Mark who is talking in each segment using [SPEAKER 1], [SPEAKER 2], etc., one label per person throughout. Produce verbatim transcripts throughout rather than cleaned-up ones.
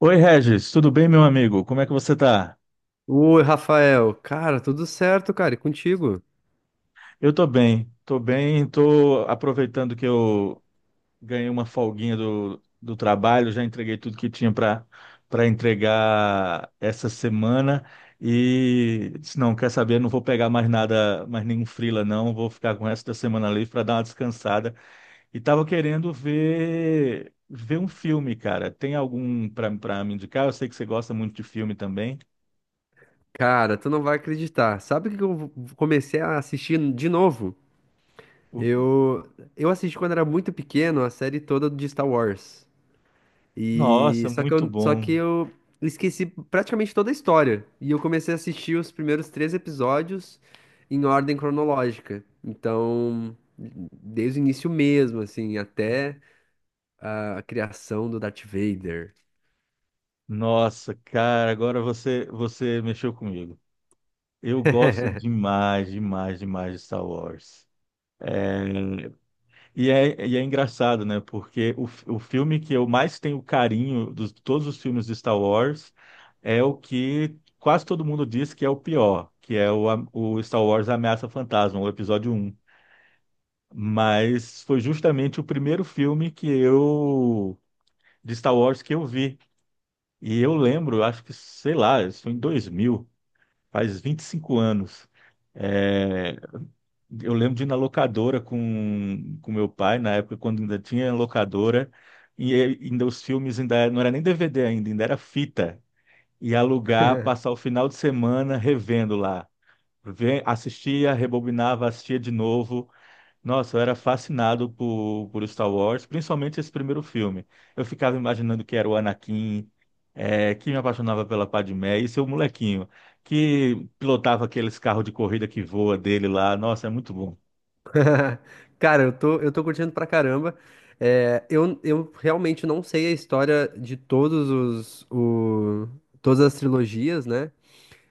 [SPEAKER 1] Oi, Regis, tudo bem, meu amigo? Como é que você tá?
[SPEAKER 2] Oi, Rafael. Cara, tudo certo, cara, e contigo?
[SPEAKER 1] Eu tô bem, tô bem, tô aproveitando que eu ganhei uma folguinha do, do trabalho, já entreguei tudo que tinha para para entregar essa semana e disse, não, quer saber, não vou pegar mais nada, mais nenhum freela não, vou ficar com o resto da semana livre para dar uma descansada. E tava querendo ver ver um filme, cara. Tem algum para para me indicar? Eu sei que você gosta muito de filme também.
[SPEAKER 2] Cara, tu não vai acreditar. Sabe o que que eu comecei a assistir de novo?
[SPEAKER 1] O-
[SPEAKER 2] Eu, eu assisti quando era muito pequeno a série toda de Star Wars. E
[SPEAKER 1] Nossa,
[SPEAKER 2] só que
[SPEAKER 1] muito
[SPEAKER 2] eu, só que
[SPEAKER 1] bom.
[SPEAKER 2] eu esqueci praticamente toda a história. E eu comecei a assistir os primeiros três episódios em ordem cronológica. Então, desde o início mesmo, assim, até a criação do Darth Vader.
[SPEAKER 1] Nossa, cara, agora você você mexeu comigo. Eu gosto demais, demais, demais de Star Wars. E é, e é engraçado, né? Porque o, f- o filme que eu mais tenho carinho dos todos os filmes de Star Wars é o que quase todo mundo diz que é o pior, que é o, a- o Star Wars Ameaça Fantasma, o episódio um. Mas foi justamente o primeiro filme que eu de Star Wars que eu vi. E eu lembro, acho que, sei lá, isso foi em dois mil. Faz vinte e cinco anos. É, eu lembro de ir na locadora com, com meu pai, na época quando ainda tinha locadora, e ainda os filmes ainda não era nem D V D ainda, ainda era fita. E alugar, passar o final de semana revendo lá. Ve- Assistia, rebobinava, assistia de novo. Nossa, eu era fascinado por, por Star Wars, principalmente esse primeiro filme. Eu ficava imaginando que era o Anakin, é, que me apaixonava pela Padmé, e seu molequinho, que pilotava aqueles carros de corrida que voa dele lá. Nossa, é muito bom.
[SPEAKER 2] Cara, eu tô, eu tô curtindo pra caramba. É, eu, eu realmente não sei a história de todos os, o, todas as trilogias, né?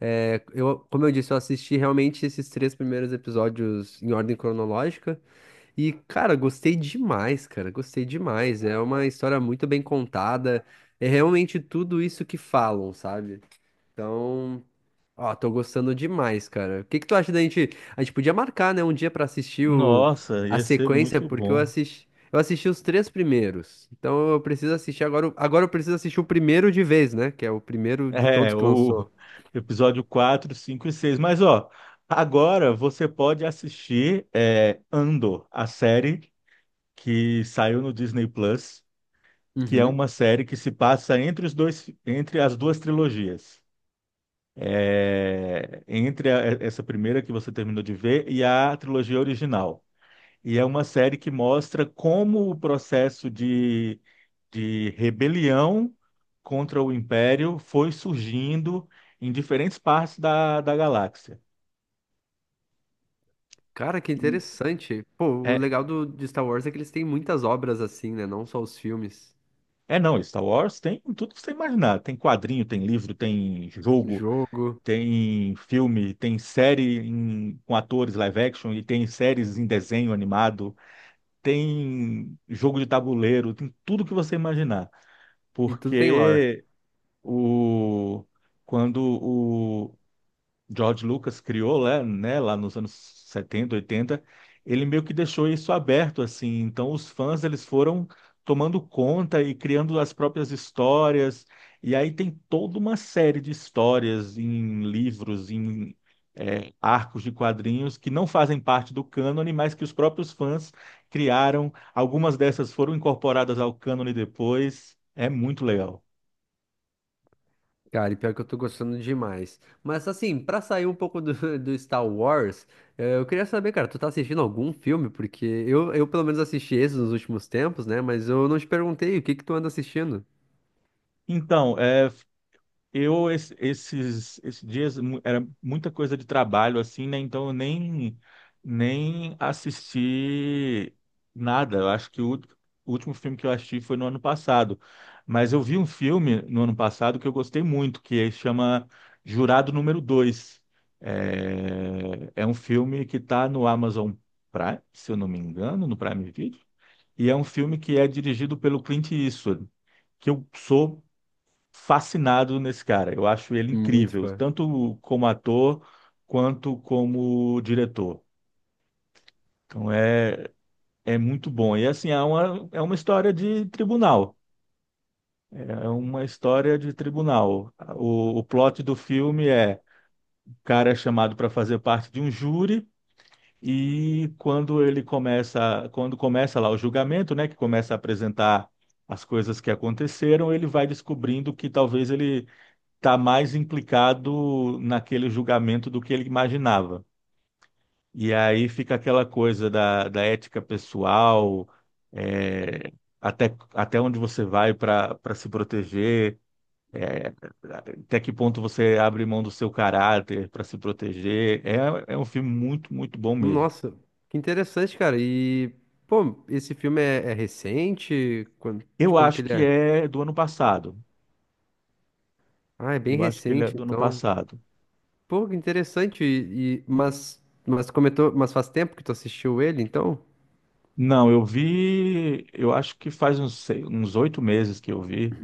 [SPEAKER 2] É, eu, como eu disse, eu assisti realmente esses três primeiros episódios em ordem cronológica. E, cara, gostei demais, cara. Gostei demais. É uma história muito bem contada. É realmente tudo isso que falam, sabe? Então. Ó, tô gostando demais, cara. O que que tu acha da gente? A gente podia marcar, né, um dia pra assistir o
[SPEAKER 1] Nossa,
[SPEAKER 2] a
[SPEAKER 1] ia ser
[SPEAKER 2] sequência,
[SPEAKER 1] muito
[SPEAKER 2] porque eu
[SPEAKER 1] bom.
[SPEAKER 2] assisti eu assisti os três primeiros. Então eu preciso assistir agora. o- Agora eu preciso assistir o primeiro de vez, né? Que é o primeiro de todos
[SPEAKER 1] É,
[SPEAKER 2] que
[SPEAKER 1] o
[SPEAKER 2] lançou.
[SPEAKER 1] episódio quatro, cinco e seis. Mas, ó, agora você pode assistir, é, Andor, a série que saiu no Disney Plus. Que é
[SPEAKER 2] Uhum.
[SPEAKER 1] uma série que se passa entre os dois, entre as duas trilogias. É, entre a- essa primeira que você terminou de ver e a trilogia original. E é uma série que mostra como o processo de, de rebelião contra o Império foi surgindo em diferentes partes da, da galáxia.
[SPEAKER 2] Cara, que
[SPEAKER 1] E
[SPEAKER 2] interessante. Pô, o
[SPEAKER 1] é,
[SPEAKER 2] legal do de Star Wars é que eles têm muitas obras assim, né? Não só os filmes,
[SPEAKER 1] é não, Star Wars tem tudo que você imaginar. Tem quadrinho, tem livro, tem jogo,
[SPEAKER 2] jogo
[SPEAKER 1] tem filme, tem série em- com atores live action e tem séries em desenho animado, tem jogo de tabuleiro, tem tudo que você imaginar.
[SPEAKER 2] e tudo tem lore.
[SPEAKER 1] Porque o quando George Lucas criou lá, né, lá nos anos setenta, oitenta, ele meio que deixou isso aberto assim. Então os fãs eles foram tomando conta e criando as próprias histórias. E aí tem toda uma série de histórias em livros, em, é, arcos de quadrinhos que não fazem parte do cânone, mas que os próprios fãs criaram. Algumas dessas foram incorporadas ao cânone depois. É muito legal.
[SPEAKER 2] Cara, e pior que eu tô gostando demais. Mas assim, pra sair um pouco do, do Star Wars, eh, eu queria saber, cara, tu tá assistindo algum filme? Porque eu, eu pelo menos assisti esses nos últimos tempos, né? Mas eu não te perguntei o que que tu anda assistindo.
[SPEAKER 1] Então, é Eu, es- esses, esses dias, mu- era muita coisa de trabalho, assim, né? Então, eu nem, nem assisti nada. Eu acho que o, ult- o último filme que eu assisti foi no ano passado. Mas eu vi um filme no ano passado que eu gostei muito, que chama Jurado Número Dois. É, é um filme que está no Amazon Prime, se eu não me engano, no Prime Video. E é um filme que é dirigido pelo Clint Eastwood, que eu sou fascinado nesse cara. Eu acho ele
[SPEAKER 2] Muito
[SPEAKER 1] incrível,
[SPEAKER 2] fã.
[SPEAKER 1] tanto como ator quanto como diretor. Então é, é muito bom. E assim, é uma, é uma história de tribunal. É uma história de tribunal. O, o plot do filme é o cara é chamado para fazer parte de um júri e quando ele começa, quando começa lá o julgamento, né, que começa a apresentar as coisas que aconteceram, ele vai descobrindo que talvez ele está mais implicado naquele julgamento do que ele imaginava. E aí fica aquela coisa da, da ética pessoal, é, até, até onde você vai para para se proteger, é, até que ponto você abre mão do seu caráter para se proteger. É, é um filme muito, muito bom mesmo.
[SPEAKER 2] Nossa, que interessante, cara. E, pô, esse filme é, é recente? Quando, de
[SPEAKER 1] Eu
[SPEAKER 2] quando que
[SPEAKER 1] acho
[SPEAKER 2] ele
[SPEAKER 1] que
[SPEAKER 2] é?
[SPEAKER 1] é do ano passado.
[SPEAKER 2] Ah, é bem
[SPEAKER 1] Eu acho que ele é
[SPEAKER 2] recente,
[SPEAKER 1] do ano
[SPEAKER 2] então.
[SPEAKER 1] passado.
[SPEAKER 2] Pô, que interessante. E, e- mas, mas comentou, mas faz tempo que tu assistiu ele, então?
[SPEAKER 1] Não, eu vi, eu acho que faz uns, sei- uns oito meses que eu vi.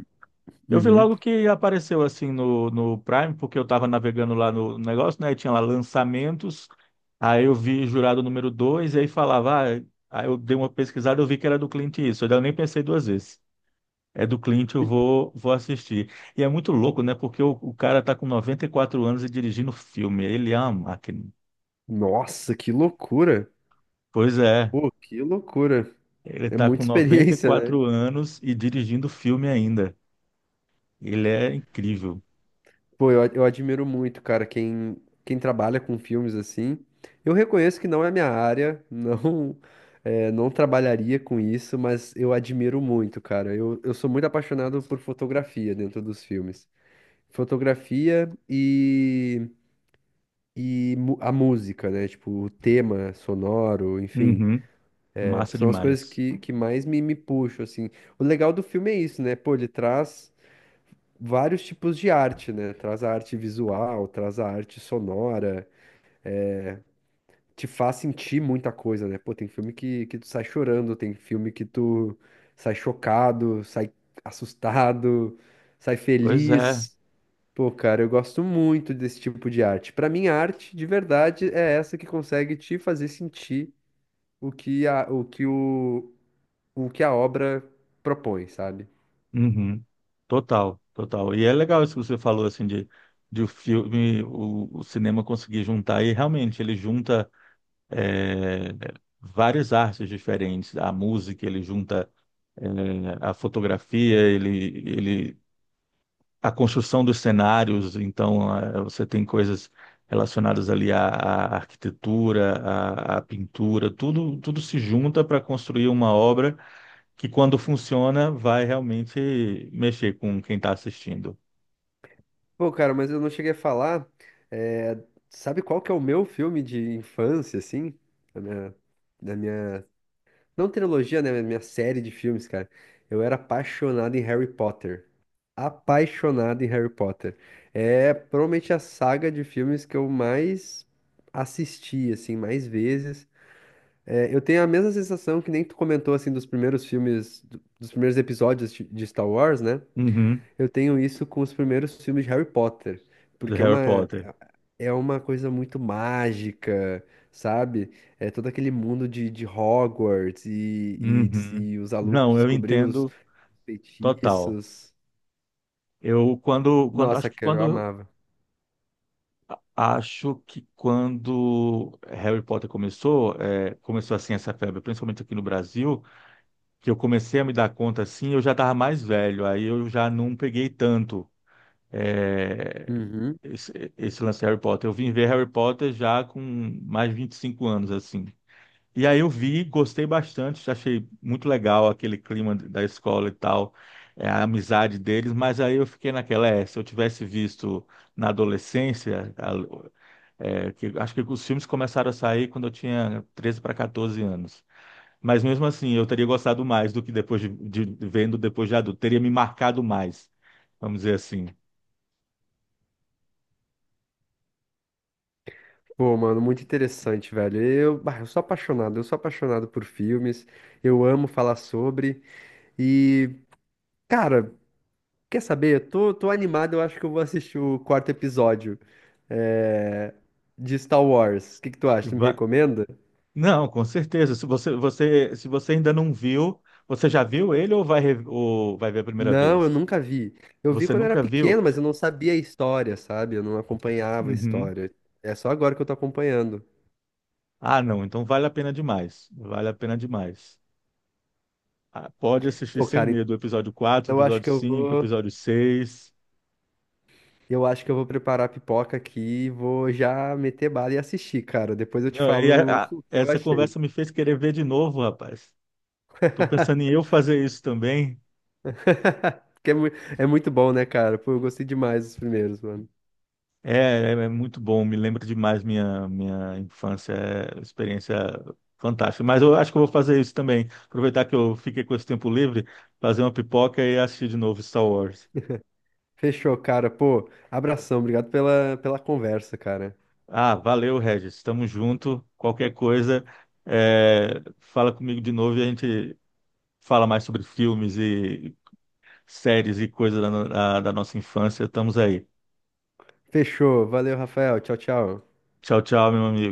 [SPEAKER 1] Eu vi
[SPEAKER 2] Uhum.
[SPEAKER 1] logo que apareceu assim no, no Prime, porque eu tava navegando lá no negócio, né? E tinha lá lançamentos. Aí eu vi Jurado Número Dois e aí falava, ah, aí eu dei uma pesquisada, eu vi que era do Clint Eastwood. Daí eu nem pensei duas vezes. É do Clint, eu vou, vou assistir. E é muito louco, né? Porque o, o cara tá com noventa e quatro anos e dirigindo filme. Ele é uma máquina.
[SPEAKER 2] Nossa, que loucura!
[SPEAKER 1] Pois é,
[SPEAKER 2] Pô, que loucura.
[SPEAKER 1] ele
[SPEAKER 2] É
[SPEAKER 1] tá com
[SPEAKER 2] muita
[SPEAKER 1] noventa e
[SPEAKER 2] experiência, né?
[SPEAKER 1] quatro anos e dirigindo filme ainda. Ele é incrível.
[SPEAKER 2] Pô, eu, eu admiro muito, cara, quem, quem trabalha com filmes assim. Eu reconheço que não é minha área, não, é, não trabalharia com isso, mas eu admiro muito, cara. Eu, eu sou muito apaixonado por fotografia dentro dos filmes. Fotografia e, e mu- a música, né? Tipo, o tema sonoro, enfim.
[SPEAKER 1] Uhum,
[SPEAKER 2] É,
[SPEAKER 1] massa
[SPEAKER 2] são as coisas
[SPEAKER 1] demais.
[SPEAKER 2] que, que mais me, me puxam, assim. O legal do filme é isso, né? Pô, ele traz vários tipos de arte, né? Traz a arte visual, traz a arte sonora, te faz sentir muita coisa, né? Pô, tem filme que, que tu sai chorando, tem filme que tu sai chocado, sai assustado, sai
[SPEAKER 1] Pois é.
[SPEAKER 2] feliz. Pô, cara, eu gosto muito desse tipo de arte. Pra mim, a arte de verdade é essa que consegue te fazer sentir o que a, o que o, o que a obra propõe, sabe?
[SPEAKER 1] Uhum. Total, total. E é legal isso que você falou, assim, de, de o filme, o, o cinema conseguir juntar, e realmente ele junta, é, várias artes diferentes, a música, ele junta, é, a fotografia, ele, ele a construção dos cenários, então, eh, você tem coisas relacionadas ali à, à arquitetura, à, à pintura, tudo, tudo se junta para construir uma obra que quando funciona vai realmente mexer com quem está assistindo.
[SPEAKER 2] Pô, cara, mas eu não cheguei a falar. é, sabe qual que é o meu filme de infância, assim? Da minha, da minha. Não trilogia, né? Mas minha série de filmes, cara. Eu era apaixonado em Harry Potter. Apaixonado em Harry Potter. É provavelmente a saga de filmes que eu mais assisti, assim, mais vezes. É, eu tenho a mesma sensação que nem tu comentou, assim, dos primeiros filmes, do- dos primeiros episódios de de Star Wars, né?
[SPEAKER 1] Uhum,
[SPEAKER 2] Eu tenho isso com os primeiros filmes de Harry Potter,
[SPEAKER 1] do
[SPEAKER 2] porque é
[SPEAKER 1] Harry
[SPEAKER 2] uma,
[SPEAKER 1] Potter.
[SPEAKER 2] é uma coisa muito mágica, sabe? É todo aquele mundo de, de Hogwarts e, e, des-
[SPEAKER 1] Uhum.
[SPEAKER 2] e os alunos
[SPEAKER 1] Não, eu
[SPEAKER 2] descobrindo os
[SPEAKER 1] entendo total.
[SPEAKER 2] feitiços.
[SPEAKER 1] Eu quando, quando
[SPEAKER 2] Nossa,
[SPEAKER 1] acho que
[SPEAKER 2] cara, eu
[SPEAKER 1] quando
[SPEAKER 2] amava.
[SPEAKER 1] acho que quando Harry Potter começou, eh, começou assim essa febre, principalmente aqui no Brasil, que eu comecei a me dar conta assim, eu já estava mais velho, aí eu já não peguei tanto, é,
[SPEAKER 2] Uhum.
[SPEAKER 1] esse, esse lance de Harry Potter. Eu vim ver Harry Potter já com mais de vinte e cinco anos, assim. E aí eu vi, gostei bastante, achei muito legal aquele clima da escola e tal, é, a amizade deles, mas aí eu fiquei naquela, é, se eu tivesse visto na adolescência, a- é, que, acho que os filmes começaram a sair quando eu tinha treze para quatorze anos. Mas mesmo assim, eu teria gostado mais do que depois de, de- vendo depois de adulto. Teria me marcado mais, vamos dizer assim.
[SPEAKER 2] Pô, mano, muito interessante, velho. Eu, bah, eu sou apaixonado, eu sou apaixonado por filmes, eu amo falar sobre. E, cara. Quer saber? Eu tô, tô animado, eu acho que eu vou assistir o quarto episódio eh, de Star Wars. O que que tu acha? Tu me
[SPEAKER 1] Va-
[SPEAKER 2] recomenda?
[SPEAKER 1] Não, com certeza. Se você, você, se você ainda não viu, você já viu ele ou vai, re- ou vai ver a primeira
[SPEAKER 2] Não, eu
[SPEAKER 1] vez?
[SPEAKER 2] nunca vi. Eu vi
[SPEAKER 1] Você
[SPEAKER 2] quando era
[SPEAKER 1] nunca viu?
[SPEAKER 2] pequeno, mas eu não sabia a história, sabe? Eu não acompanhava a
[SPEAKER 1] Uhum.
[SPEAKER 2] história. É só agora que eu tô acompanhando.
[SPEAKER 1] Ah, não. Então vale a pena demais. Vale a pena demais. Ah, pode assistir
[SPEAKER 2] Pô,
[SPEAKER 1] sem
[SPEAKER 2] cara,
[SPEAKER 1] medo. O episódio quatro,
[SPEAKER 2] então eu acho
[SPEAKER 1] episódio
[SPEAKER 2] que eu
[SPEAKER 1] cinco,
[SPEAKER 2] vou,
[SPEAKER 1] episódio seis.
[SPEAKER 2] eu acho que eu vou preparar a pipoca aqui e vou já meter bala e assistir, cara. Depois eu te
[SPEAKER 1] Não, e
[SPEAKER 2] falo
[SPEAKER 1] a- a-
[SPEAKER 2] o que eu
[SPEAKER 1] essa
[SPEAKER 2] achei.
[SPEAKER 1] conversa me fez querer ver de novo, rapaz. Tô pensando em eu fazer isso também.
[SPEAKER 2] Porque é, mu- é muito bom, né, cara? Pô, eu gostei demais dos primeiros, mano.
[SPEAKER 1] É, é é muito bom, me lembra demais minha, minha infância, é experiência fantástica. Mas eu acho que eu vou fazer isso também. Aproveitar que eu fiquei com esse tempo livre, fazer uma pipoca e assistir de novo Star Wars.
[SPEAKER 2] Fechou, cara. Pô, abração. Obrigado pela, pela conversa, cara.
[SPEAKER 1] Ah, valeu, Regis. Tamo junto. Qualquer coisa, é, fala comigo de novo e a gente fala mais sobre filmes e séries e coisas da, no- da da nossa infância. Estamos aí.
[SPEAKER 2] Fechou. Valeu, Rafael. Tchau, tchau.
[SPEAKER 1] Tchau, tchau, meu amigo.